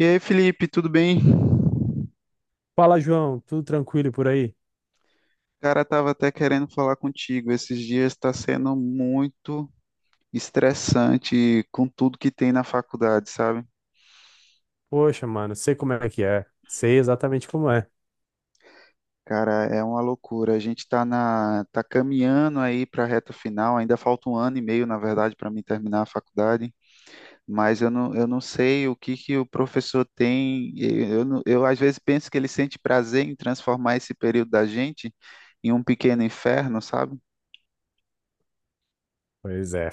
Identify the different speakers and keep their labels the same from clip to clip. Speaker 1: E aí, Felipe, tudo bem?
Speaker 2: Fala, João, tudo tranquilo por aí?
Speaker 1: Cara, tava até querendo falar contigo. Esses dias está sendo muito estressante com tudo que tem na faculdade, sabe?
Speaker 2: Poxa, mano, sei como é que é. Sei exatamente como é.
Speaker 1: Cara, é uma loucura. A gente tá caminhando aí para a reta final. Ainda falta um ano e meio, na verdade, para mim terminar a faculdade. Mas eu não sei o que que o professor tem. Eu, não- Eu às vezes penso que ele sente prazer em transformar esse período da gente em um pequeno inferno, sabe?
Speaker 2: Pois é.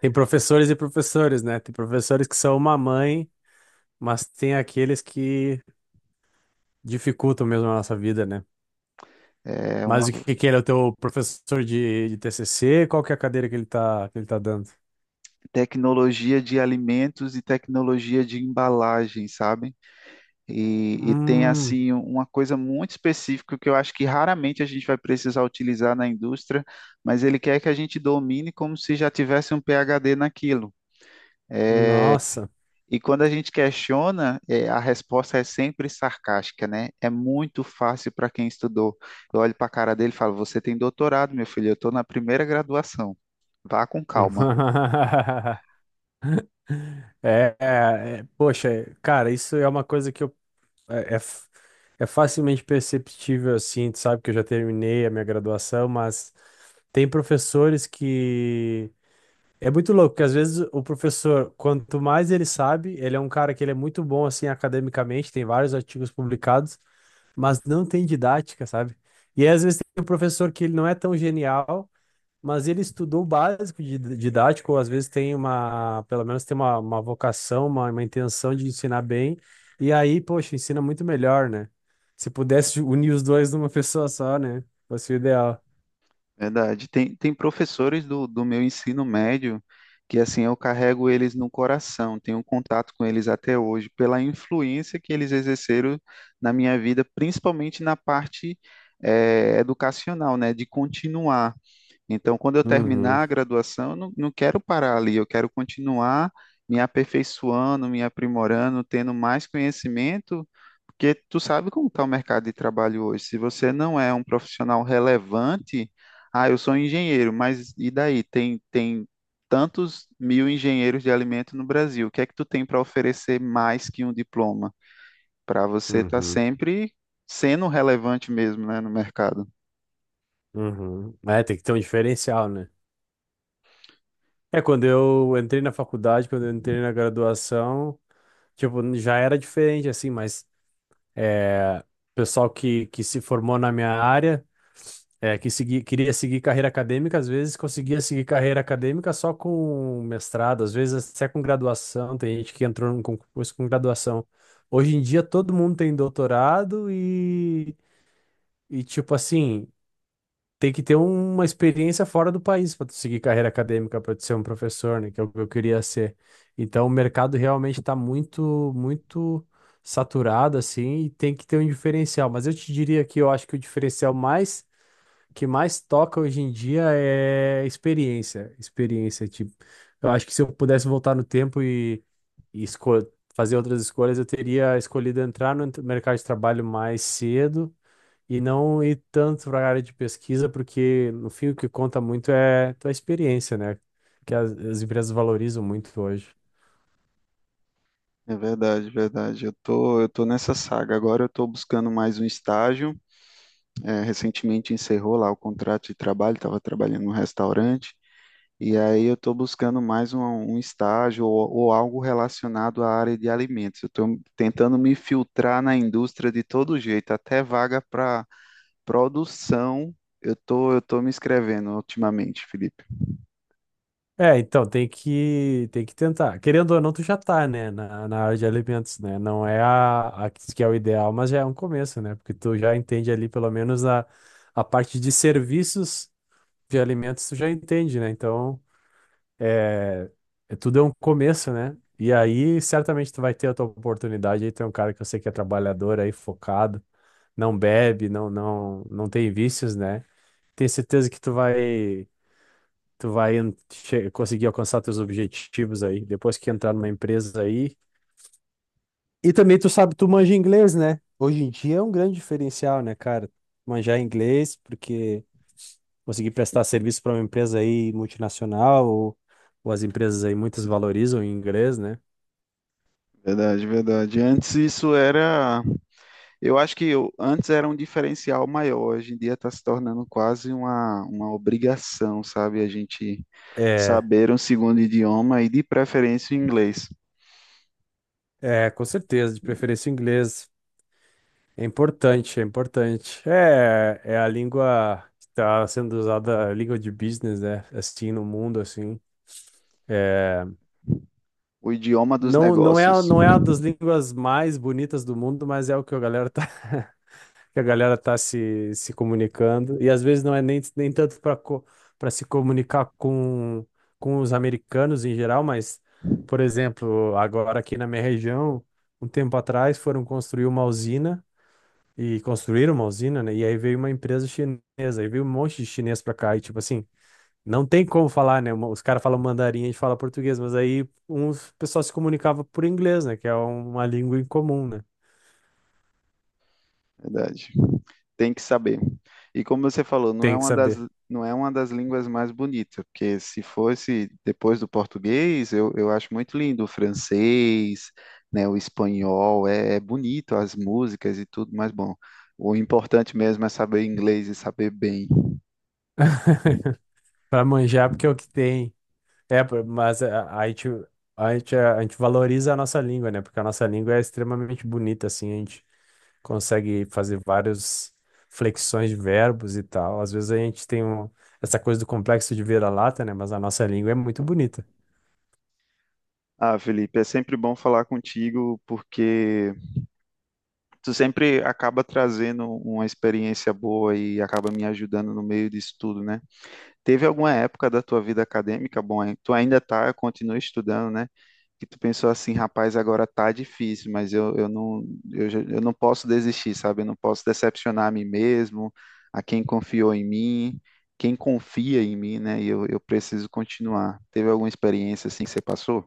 Speaker 2: Tem professores e professores, né? Tem professores que são uma mãe, mas tem aqueles que dificultam mesmo a nossa vida, né?
Speaker 1: É uma,
Speaker 2: Mas o que que ele é o teu professor de TCC? Qual que é a cadeira que ele tá, dando?
Speaker 1: tecnologia de alimentos e tecnologia de embalagem, sabe? E tem
Speaker 2: Hum,
Speaker 1: assim uma coisa muito específica que eu acho que raramente a gente vai precisar utilizar na indústria, mas ele quer que a gente domine como se já tivesse um PhD naquilo.
Speaker 2: nossa.
Speaker 1: E quando a gente questiona, a resposta é sempre sarcástica, né? É muito fácil para quem estudou. Eu olho para a cara dele e falo: Você tem doutorado, meu filho, eu estou na primeira graduação. Vá com calma.
Speaker 2: Poxa, cara, isso é uma coisa que eu É, é, f- é facilmente perceptível, assim. Tu sabe que eu já terminei a minha graduação, mas tem professores que. É muito louco, porque às vezes o professor, quanto mais ele sabe, ele é um cara que ele é muito bom assim academicamente, tem vários artigos publicados, mas não tem didática, sabe? E aí, às vezes tem um professor que ele não é tão genial, mas ele estudou o básico de didático, ou às vezes tem uma, pelo menos tem uma vocação, uma intenção de ensinar bem, e aí, poxa, ensina muito melhor, né? Se pudesse unir os dois numa pessoa só, né? Fosse o ideal.
Speaker 1: Verdade. Tem professores do meu ensino médio que, assim, eu carrego eles no coração, tenho contato com eles até hoje, pela influência que eles exerceram na minha vida, principalmente na parte, educacional, né, de continuar. Então, quando eu
Speaker 2: Uhum,
Speaker 1: terminar a graduação, eu não, não quero parar ali, eu quero continuar me aperfeiçoando, me aprimorando, tendo mais conhecimento, porque tu sabe como está o mercado de trabalho hoje. Se você não é um profissional relevante, ah, eu sou um engenheiro, mas e daí? Tem tantos mil engenheiros de alimento no Brasil. O que é que tu tem para oferecer mais que um diploma? Para você estar
Speaker 2: uhum,
Speaker 1: sempre sendo relevante mesmo, né, no mercado.
Speaker 2: uhum. É, tem que ter um diferencial, né? É, quando eu entrei na faculdade, quando eu entrei na graduação, tipo, já era diferente, assim, mas é, pessoal que se formou na minha área, é, que segui, queria seguir carreira acadêmica, às vezes conseguia seguir carreira acadêmica só com mestrado, às vezes até com graduação. Tem gente que entrou num concurso com graduação. Hoje em dia todo mundo tem doutorado e tipo assim, tem que ter uma experiência fora do país para tu seguir carreira acadêmica, para tu ser um professor, né, que é o que eu queria ser. Então, o mercado realmente está muito, muito saturado, assim, e tem que ter um diferencial. Mas eu te diria que eu acho que o diferencial mais que mais toca hoje em dia é experiência, experiência, tipo, eu acho que se eu pudesse voltar no tempo e, e esco- fazer outras escolhas, eu teria escolhido entrar no mercado de trabalho mais cedo e não ir tanto para a área de pesquisa, porque no fim o que conta muito é tua experiência, né? Que as empresas valorizam muito hoje.
Speaker 1: É verdade, verdade. Eu tô nessa saga. Agora eu tô buscando mais um estágio. É, recentemente encerrou lá o contrato de trabalho, estava trabalhando num restaurante. E aí eu tô buscando mais um estágio ou algo relacionado à área de alimentos. Eu tô tentando me filtrar na indústria de todo jeito, até vaga para produção. Eu tô me inscrevendo ultimamente, Felipe.
Speaker 2: É, então tem que tentar. Querendo ou não, tu já tá, né, na área de alimentos, né? Não é a que é o ideal, mas já é um começo, né? Porque tu já entende ali pelo menos a parte de serviços de alimentos, tu já entende, né? Então é, tudo é um começo, né? E aí, certamente tu vai ter a tua oportunidade. Aí tem um cara que eu sei que é trabalhador aí, focado, não bebe, não, não, não tem vícios, né? Tenho certeza que tu vai conseguir alcançar teus objetivos aí, depois que entrar numa empresa aí. E também tu sabe, tu manja inglês, né? Hoje em dia é um grande diferencial, né, cara? Manjar inglês, porque conseguir prestar serviço para uma empresa aí multinacional ou as empresas aí muitas valorizam o inglês, né?
Speaker 1: Verdade, verdade. Antes isso era. Eu acho que eu- Antes era um diferencial maior, hoje em dia está se tornando quase uma obrigação, sabe? A gente
Speaker 2: É,
Speaker 1: saber um segundo idioma e, de preferência, o inglês,
Speaker 2: é, com certeza, de preferência o inglês. É importante, é importante. É, é a língua que está sendo usada, a língua de business, né? Assim, no mundo, assim. É,
Speaker 1: o idioma dos
Speaker 2: não, não é,
Speaker 1: negócios.
Speaker 2: não é a das línguas mais bonitas do mundo, mas é o que a galera tá. Que a galera tá se comunicando. E às vezes não é nem tanto para se comunicar com os americanos em geral, mas, por exemplo, agora aqui na minha região, um tempo atrás foram construir uma usina e construíram uma usina, né? E aí veio uma empresa chinesa, aí veio um monte de chinês pra cá e tipo assim, não tem como falar, né? Os caras falam mandarim, a gente fala português, mas aí uns pessoal se comunicava por inglês, né? Que é uma língua em comum, né?
Speaker 1: Verdade. Tem que saber. E como você falou,
Speaker 2: Tem que saber.
Speaker 1: não é uma das línguas mais bonitas, porque se fosse depois do português, eu acho muito lindo o francês, né, o espanhol, é, é bonito as músicas e tudo, mas bom, o importante mesmo é saber inglês e saber bem.
Speaker 2: Pra manjar, porque é o que tem. É, pô, mas a gente valoriza a nossa língua, né? Porque a nossa língua é extremamente bonita, assim. A gente consegue fazer várias flexões de verbos e tal. Às vezes a gente tem essa coisa do complexo de vira-lata, né? Mas a nossa língua é muito bonita.
Speaker 1: Ah, Felipe, é sempre bom falar contigo, porque tu sempre acaba trazendo uma experiência boa e acaba me ajudando no meio disso tudo, né? Teve alguma época da tua vida acadêmica, bom, hein, tu ainda tá, continua estudando, né? Que tu pensou assim, rapaz, agora tá difícil, mas eu não posso desistir, sabe? Eu não posso decepcionar a mim mesmo, a quem confiou em mim, quem confia em mim, né? E eu preciso continuar. Teve alguma experiência assim que você passou?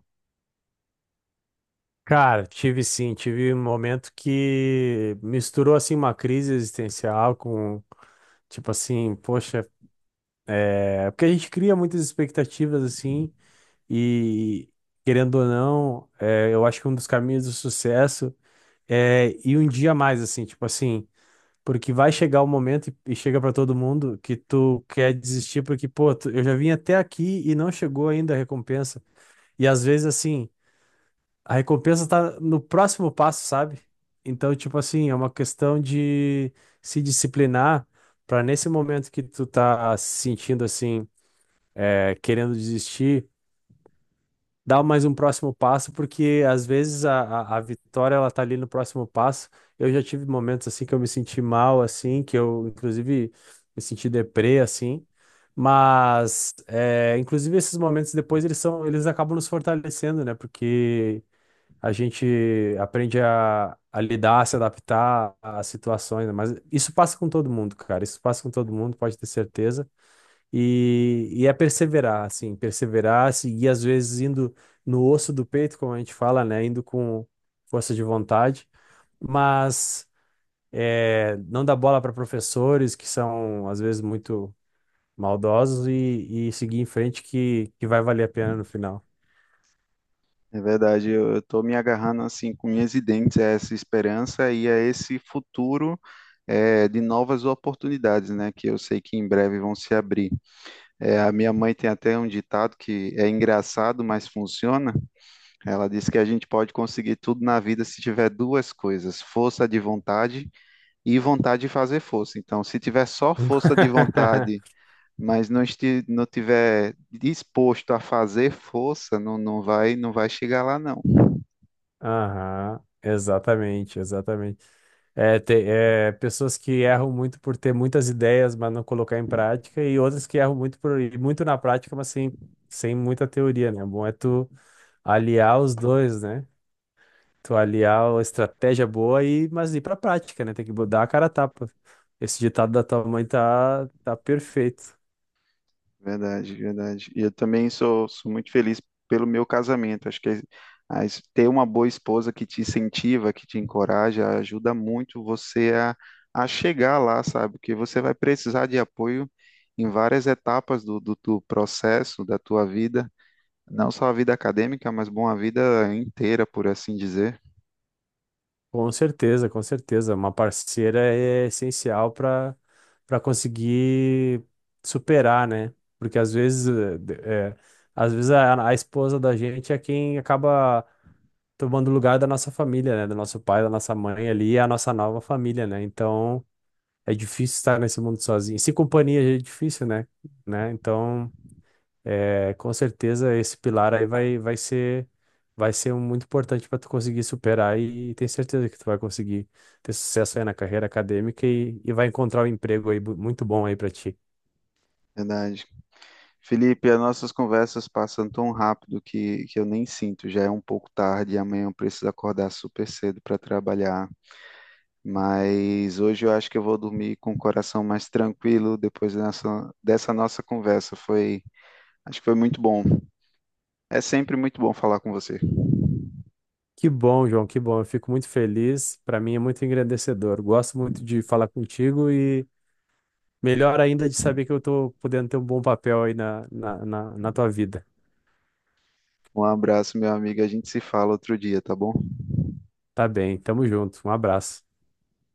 Speaker 2: Cara, tive sim, tive um momento que misturou, assim, uma crise existencial com, tipo assim, poxa, é... porque a gente cria muitas expectativas, assim, e, querendo ou não, é, eu acho que um dos caminhos do sucesso é ir um dia a mais, assim, tipo assim, porque vai chegar o momento e chega pra todo mundo que tu quer desistir, porque, pô, eu já vim até aqui e não chegou ainda a recompensa. E às vezes, assim, a recompensa tá no próximo passo, sabe? Então, tipo assim, é uma questão de se disciplinar pra nesse momento que tu tá se sentindo assim, é, querendo desistir, dar mais um próximo passo, porque às vezes a vitória ela tá ali no próximo passo. Eu já tive momentos assim que eu me senti mal, assim, que eu inclusive me senti deprê, assim. Mas, é, inclusive esses momentos depois eles são, eles acabam nos fortalecendo, né? Porque a gente aprende a lidar, a se adaptar às situações, né? Mas isso passa com todo mundo, cara. Isso passa com todo mundo, pode ter certeza. E é perseverar, assim, perseverar, seguir, às vezes indo no osso do peito, como a gente fala, né? Indo com força de vontade, mas é, não dar bola para professores que são, às vezes, muito maldosos e seguir em frente que vai valer a pena no final.
Speaker 1: É verdade, eu estou me agarrando assim com unhas e dentes a essa esperança e a esse futuro, de novas oportunidades, né? Que eu sei que em breve vão se abrir. A minha mãe tem até um ditado que é engraçado, mas funciona. Ela diz que a gente pode conseguir tudo na vida se tiver duas coisas: força de vontade e vontade de fazer força. Então, se tiver só força de vontade, mas não tiver disposto a fazer força, não vai, não vai chegar lá, não.
Speaker 2: Aham, exatamente, exatamente. É, tem, é, pessoas que erram muito por ter muitas ideias, mas não colocar em prática, e outras que erram muito por ir muito na prática, mas sem, sem muita teoria, né? É. Bom é tu aliar os dois, né? Tu aliar a estratégia boa e mas ir pra prática, né? Tem que dar a cara a tapa. Esse ditado da tua mãe tá, tá perfeito.
Speaker 1: Verdade, verdade. E eu também sou muito feliz pelo meu casamento. Acho que ter uma boa esposa que te incentiva, que te encoraja, ajuda muito você a chegar lá, sabe? Porque você vai precisar de apoio em várias etapas do processo, da tua vida. Não só a vida acadêmica, mas bom, a vida inteira, por assim dizer.
Speaker 2: Com certeza, com certeza. Uma parceira é essencial para para conseguir superar, né? Porque às vezes, às vezes a esposa da gente é quem acaba tomando o lugar da nossa família, né? Do nosso pai, da nossa mãe ali, é a nossa nova família, né? Então é difícil estar nesse mundo sozinho. Sem companhia já é difícil, né? Né? Então. É, com certeza esse pilar aí vai ser vai ser um muito importante para tu conseguir superar e, tenho certeza que tu vai conseguir ter sucesso aí na carreira acadêmica e vai encontrar um emprego aí muito bom aí para ti.
Speaker 1: Verdade. Felipe, as nossas conversas passam tão rápido que eu nem sinto. Já é um pouco tarde e amanhã eu preciso acordar super cedo para trabalhar. Mas hoje eu acho que eu vou dormir com o coração mais tranquilo depois dessa nossa conversa. Foi, acho que foi muito bom. É sempre muito bom falar com você.
Speaker 2: Que bom, João, que bom. Eu fico muito feliz. Para mim é muito engrandecedor. Gosto muito de falar contigo e melhor ainda de saber que eu tô podendo ter um bom papel aí na tua vida.
Speaker 1: Um abraço, meu amigo. A gente se fala outro dia, tá bom?
Speaker 2: Tá bem, tamo junto. Um abraço.